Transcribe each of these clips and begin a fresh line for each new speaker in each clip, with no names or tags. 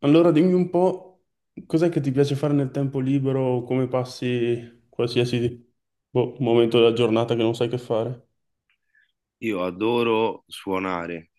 Allora dimmi un po' cos'è che ti piace fare nel tempo libero o come passi qualsiasi, boh, momento della giornata che non sai che fare.
Io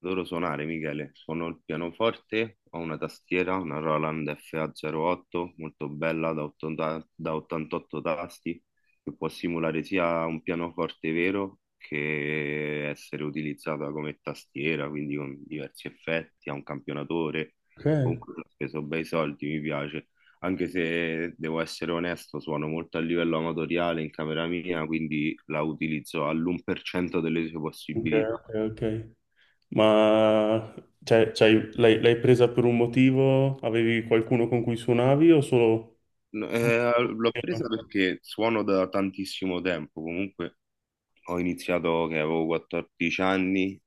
adoro suonare, Michele. Suono il pianoforte, ho una tastiera, una Roland FA08, molto bella da 88 tasti, che può simulare sia un pianoforte vero che essere utilizzata come tastiera, quindi con diversi effetti, ha un campionatore.
Ok,
Comunque ho speso bei soldi, mi piace, anche se devo essere onesto, suono molto a livello amatoriale in camera mia, quindi la utilizzo all'1% delle sue
ok,
possibilità.
ok. Ok. Ma cioè, l'hai presa per un motivo? Avevi qualcuno con cui suonavi o solo.
No, l'ho presa perché suono da tantissimo tempo. Comunque ho iniziato che avevo 14 anni,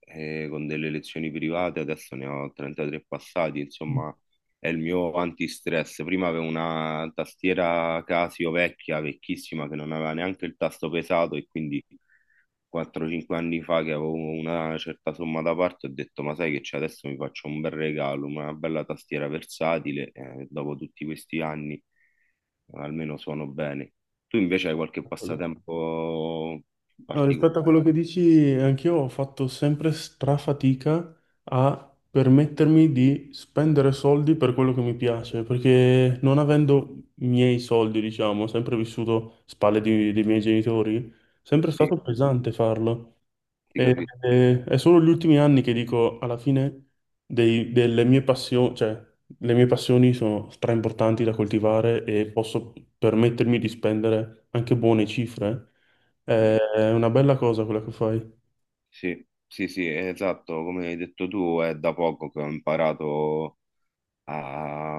con delle lezioni private, adesso ne ho 33 passati, insomma, è il mio antistress. Prima avevo una tastiera Casio vecchia, vecchissima, che non aveva neanche il tasto pesato, e quindi 4-5 anni fa, che avevo una certa somma da parte, ho detto: ma sai che c'è? Adesso mi faccio un bel regalo, una bella tastiera versatile, dopo tutti questi anni almeno suono bene. Tu invece hai qualche passatempo
No, rispetto a
particolare?
quello che dici, anch'io ho fatto sempre strafatica a permettermi di spendere soldi per quello che mi piace, perché non avendo i miei soldi, diciamo, ho sempre vissuto spalle dei miei genitori, sempre è
Sì,
stato pesante farlo.
ti
E-
capisco.
è solo gli ultimi anni che dico, alla fine, delle mie passioni, cioè, le mie passioni sono straimportanti da coltivare e posso permettermi di spendere anche buone cifre. È
Sì,
è una bella cosa quella che fai.
sì, sì, sì, esatto, come hai detto tu, è da poco che ho imparato a,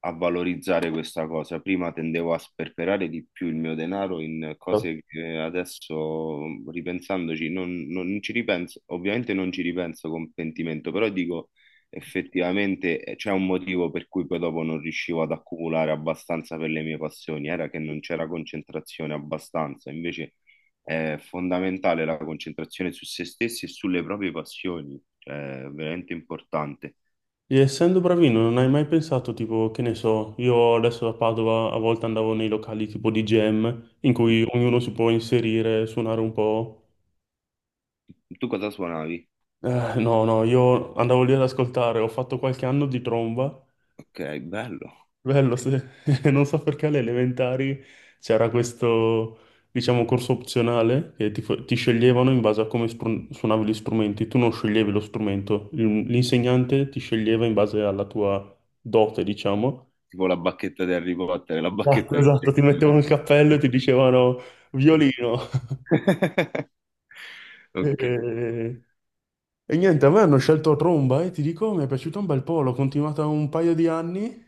a valorizzare questa cosa. Prima tendevo a sperperare di più il mio denaro in cose che adesso, ripensandoci, non ci ripenso, ovviamente non ci ripenso con pentimento, però dico effettivamente, c'è un motivo per cui poi dopo non riuscivo ad accumulare abbastanza per le mie passioni, era che non c'era concentrazione abbastanza, invece è fondamentale la concentrazione su se stessi e sulle proprie passioni, cioè è veramente importante.
E essendo bravino, non hai mai pensato, tipo, che ne so, io adesso a Padova a volte andavo nei locali tipo di jam, in cui ognuno si può inserire, suonare un po'.
Tu cosa suonavi?
No, no, io andavo lì ad ascoltare, ho fatto qualche anno di tromba.
Ok, bello.
Bello, sì. Non so perché alle elementari c'era questo, diciamo, corso opzionale che ti sceglievano in base a come suonavi gli strumenti. Tu non sceglievi lo strumento. L'insegnante ti sceglieva in base alla tua dote, diciamo.
Tipo la bacchetta di Harry Potter, la
Esatto,
bacchetta che c'è
esatto, ti
in
mettevano
mano.
il cappello e ti dicevano violino.
Ok.
E, e niente, a me hanno scelto tromba e ti dico, mi è piaciuta un bel po', l'ho continuata un paio di anni.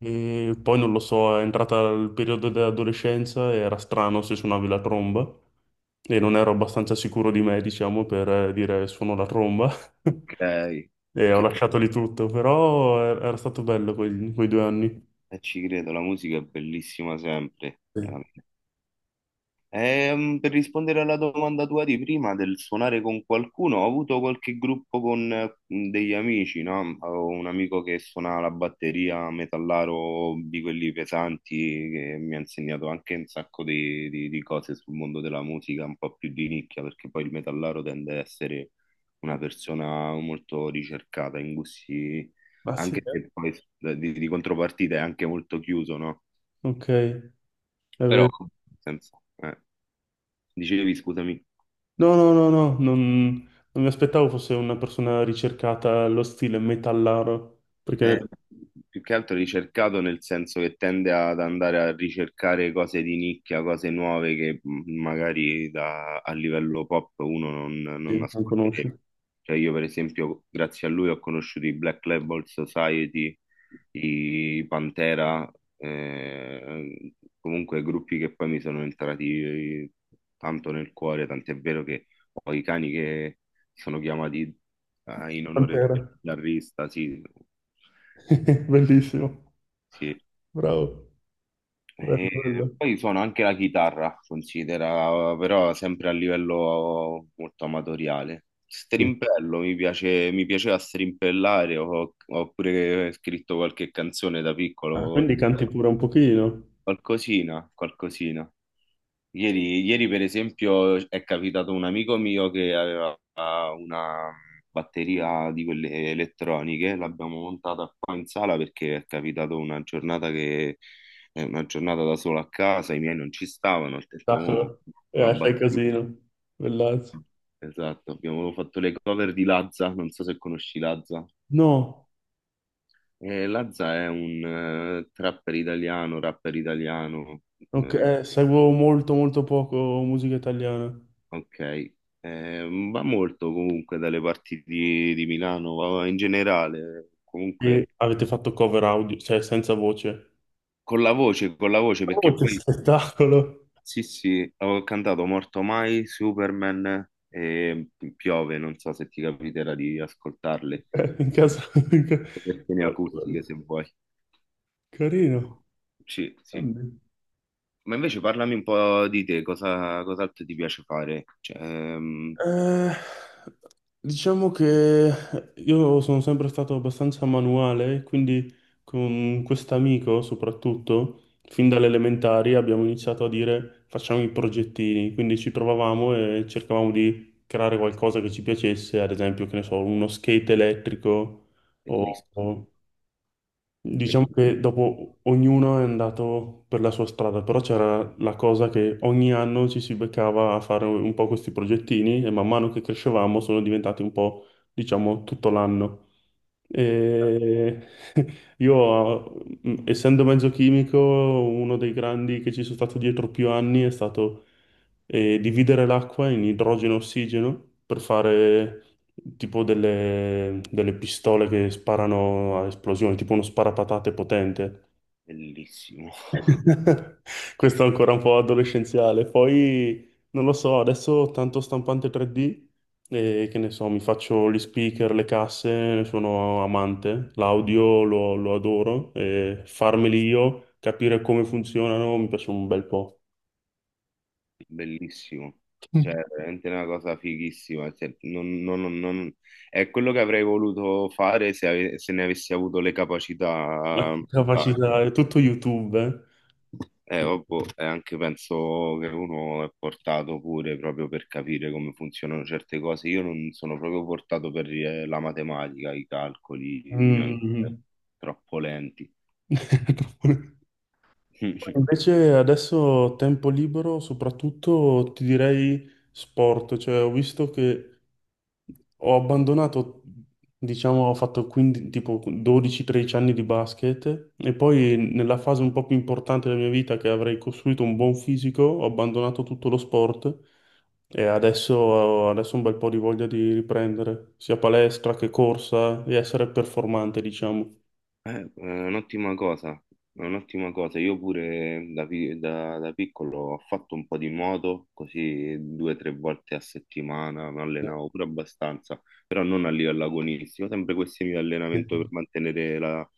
E poi non lo so, è entrata il periodo dell'adolescenza e era strano se suonavi la tromba e non ero abbastanza sicuro di me, diciamo, per dire suono la tromba.
Ok.
E ho
Che-
lasciato lì tutto, però era stato bello quei 2 anni.
ci credo, la musica è bellissima sempre.
Sì.
Per rispondere alla domanda tua di prima del suonare con qualcuno, ho avuto qualche gruppo con, degli amici, no? Avevo un amico che suonava la batteria, metallaro di quelli pesanti, che mi ha insegnato anche un sacco di cose sul mondo della musica, un po' più di nicchia, perché poi il metallaro tende ad essere una persona molto ricercata in gusti,
Ah sì,
anche
eh?
se poi, di contropartita è anche molto chiuso, no?
Ok, è
Però,
vero.
senza, dicevi, scusami.
No, no, no, no, non mi aspettavo fosse una persona ricercata allo stile metallaro,
Eh,
perché
più che altro ricercato nel senso che tende ad andare a ricercare cose di nicchia, cose nuove che, magari a livello pop uno non
sì, non conosci.
ascolterebbe. Cioè io per esempio grazie a lui ho conosciuto i Black Label Society, i Pantera, eh, comunque gruppi che poi mi sono entrati, tanto nel cuore, tant'è vero che ho i cani che sono chiamati, in onore
Pantera.
del chitarrista, sì.
Bellissimo,
Sì.
bravo, bello,
E
bello.
poi suono anche la chitarra, considera, però sempre a livello molto amatoriale.
Sì,
Strimpello, mi piace, mi piaceva strimpellare, ho pure scritto qualche canzone da
ah,
piccolo,
quindi canti pure un pochino.
qualcosina, qualcosina. Ieri, ieri, per esempio, è capitato un amico mio che aveva una batteria di quelle elettroniche, l'abbiamo montata qua in sala perché è capitato una giornata che è una giornata da solo a casa, i miei non ci stavano, ho detto: "Mo,
Sacro.
la
Fai
batteria".
casino. Bellazzo.
Esatto, abbiamo fatto le cover di Lazza, non so se conosci Lazza.
No,
Lazza è un, trapper italiano, rapper italiano.
ok,
eh,
seguo molto molto poco musica italiana.
Ok. Va molto comunque dalle parti di Milano, va in generale,
E
comunque.
avete fatto cover audio, cioè senza voce.
Con la voce, con la voce,
Oh,
perché
che
poi
spettacolo!
sì, sì, avevo cantato Morto Mai, Superman e Piove, non so se ti capiterà di ascoltarle,
In casa. in ca-
versioni
Bello,
acustiche
bello.
se vuoi.
Carino.
Sì, sì.
Grande.
Ma invece parlami un po' di te, cos'altro ti piace fare? Cioè,
Eh, diciamo che io sono sempre stato abbastanza manuale, quindi con quest'amico soprattutto, fin dalle elementari abbiamo iniziato a dire facciamo i progettini, quindi ci provavamo e cercavamo di creare qualcosa che ci piacesse, ad esempio, che ne so, uno skate elettrico
bellissimo,
o Diciamo che dopo ognuno è andato per la sua strada, però c'era la cosa che ogni anno ci si beccava a fare un po' questi progettini e man mano che crescevamo sono diventati un po', diciamo, tutto l'anno. E io, essendo mezzo chimico, uno dei grandi che ci sono stato dietro più anni è stato e dividere l'acqua in idrogeno e ossigeno per fare tipo delle pistole che sparano a esplosione, tipo uno sparapatate potente.
bellissimo.
Questo è ancora un po' adolescenziale. Poi non lo so, adesso tanto stampante 3D, e che ne so, mi faccio gli speaker, le casse, ne sono amante, l'audio lo adoro, e farmeli io, capire come funzionano, mi piace un bel po'.
Bellissimo, cioè è veramente una cosa fighissima, cioè, è quello che avrei voluto fare se ne avessi avuto le capacità,
La
in Italia.
capacità è tutto YouTube.
Ovvio, e anche penso che uno è portato pure proprio per capire come funzionano certe cose. Io non sono proprio portato per, la matematica, i calcoli,
Eh.
i miei-
Mm.
troppo lenti.
Poi invece adesso tempo libero, soprattutto ti direi sport, cioè ho visto che ho abbandonato, diciamo, ho fatto 15, tipo 12-13 anni di basket e poi nella fase un po' più importante della mia vita che avrei costruito un buon fisico, ho abbandonato tutto lo sport e adesso, adesso ho un bel po' di voglia di riprendere sia palestra che corsa e essere performante, diciamo.
È un'ottima cosa, è un'ottima cosa. Io pure da piccolo ho fatto un po' di nuoto, così due o tre volte a settimana, mi allenavo pure abbastanza, però non a livello agonistico, sempre questioni di
Sì.
allenamento per mantenere la,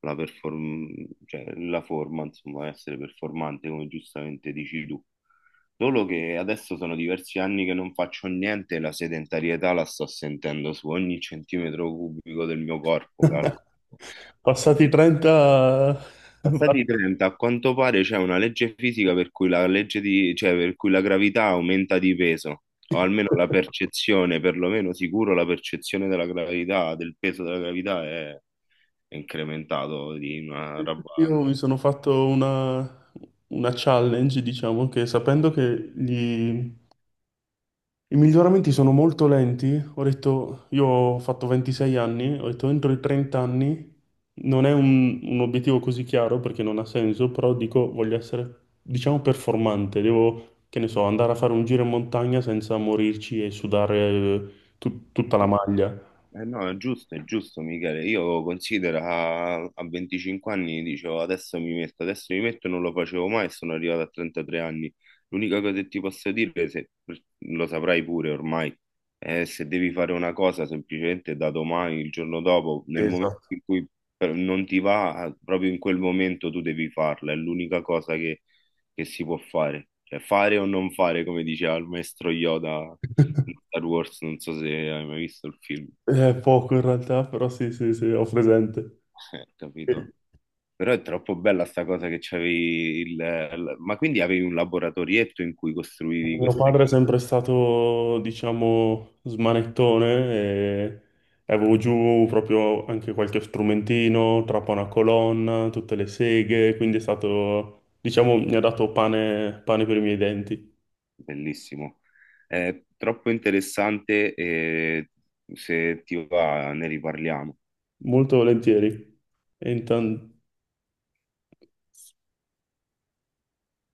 la perform- cioè, la forma, insomma, essere performante, come giustamente dici tu. Solo che adesso sono diversi anni che non faccio niente e la sedentarietà la sto sentendo su ogni centimetro cubico del mio corpo, calcolo.
Passati i 30,
Passati i 30, a quanto pare c'è una legge fisica per cui cioè per cui la gravità aumenta di peso, o almeno la percezione, perlomeno sicuro la percezione della gravità, del peso della gravità è incrementato di una roba.
io mi sono fatto una challenge, diciamo, che sapendo che gli i miglioramenti sono molto lenti. Ho detto, io ho fatto 26 anni, ho detto entro i 30 anni non è un obiettivo così chiaro perché non ha senso, però dico voglio essere, diciamo, performante. Devo, che ne so, andare a fare un giro in montagna senza morirci e sudare tutta la maglia.
Eh no, è giusto, Michele. Io considero a 25 anni dicevo adesso mi metto, non lo facevo mai e sono arrivato a 33 anni. L'unica cosa che ti posso dire, se lo saprai pure ormai, è se devi fare una cosa semplicemente da domani, il giorno dopo, nel momento
Esatto.
in cui non ti va, proprio in quel momento tu devi farla, è l'unica cosa che si può fare. Cioè fare o non fare, come diceva il maestro Yoda in Star Wars, non so se hai mai visto il film.
È poco in realtà, però sì, sì, sì, ho presente.
Capito. Però è troppo bella sta cosa che c'avevi il. Ma quindi avevi un laboratorietto in cui costruivi
Mio
queste
padre è
cose?
sempre stato, diciamo, smanettone e avevo giù proprio anche qualche strumentino, trapana colonna, tutte le seghe, quindi è stato, diciamo, mi ha dato pane, pane per i miei denti,
Bellissimo. È troppo interessante, e se ti va ne riparliamo.
molto volentieri. E intan-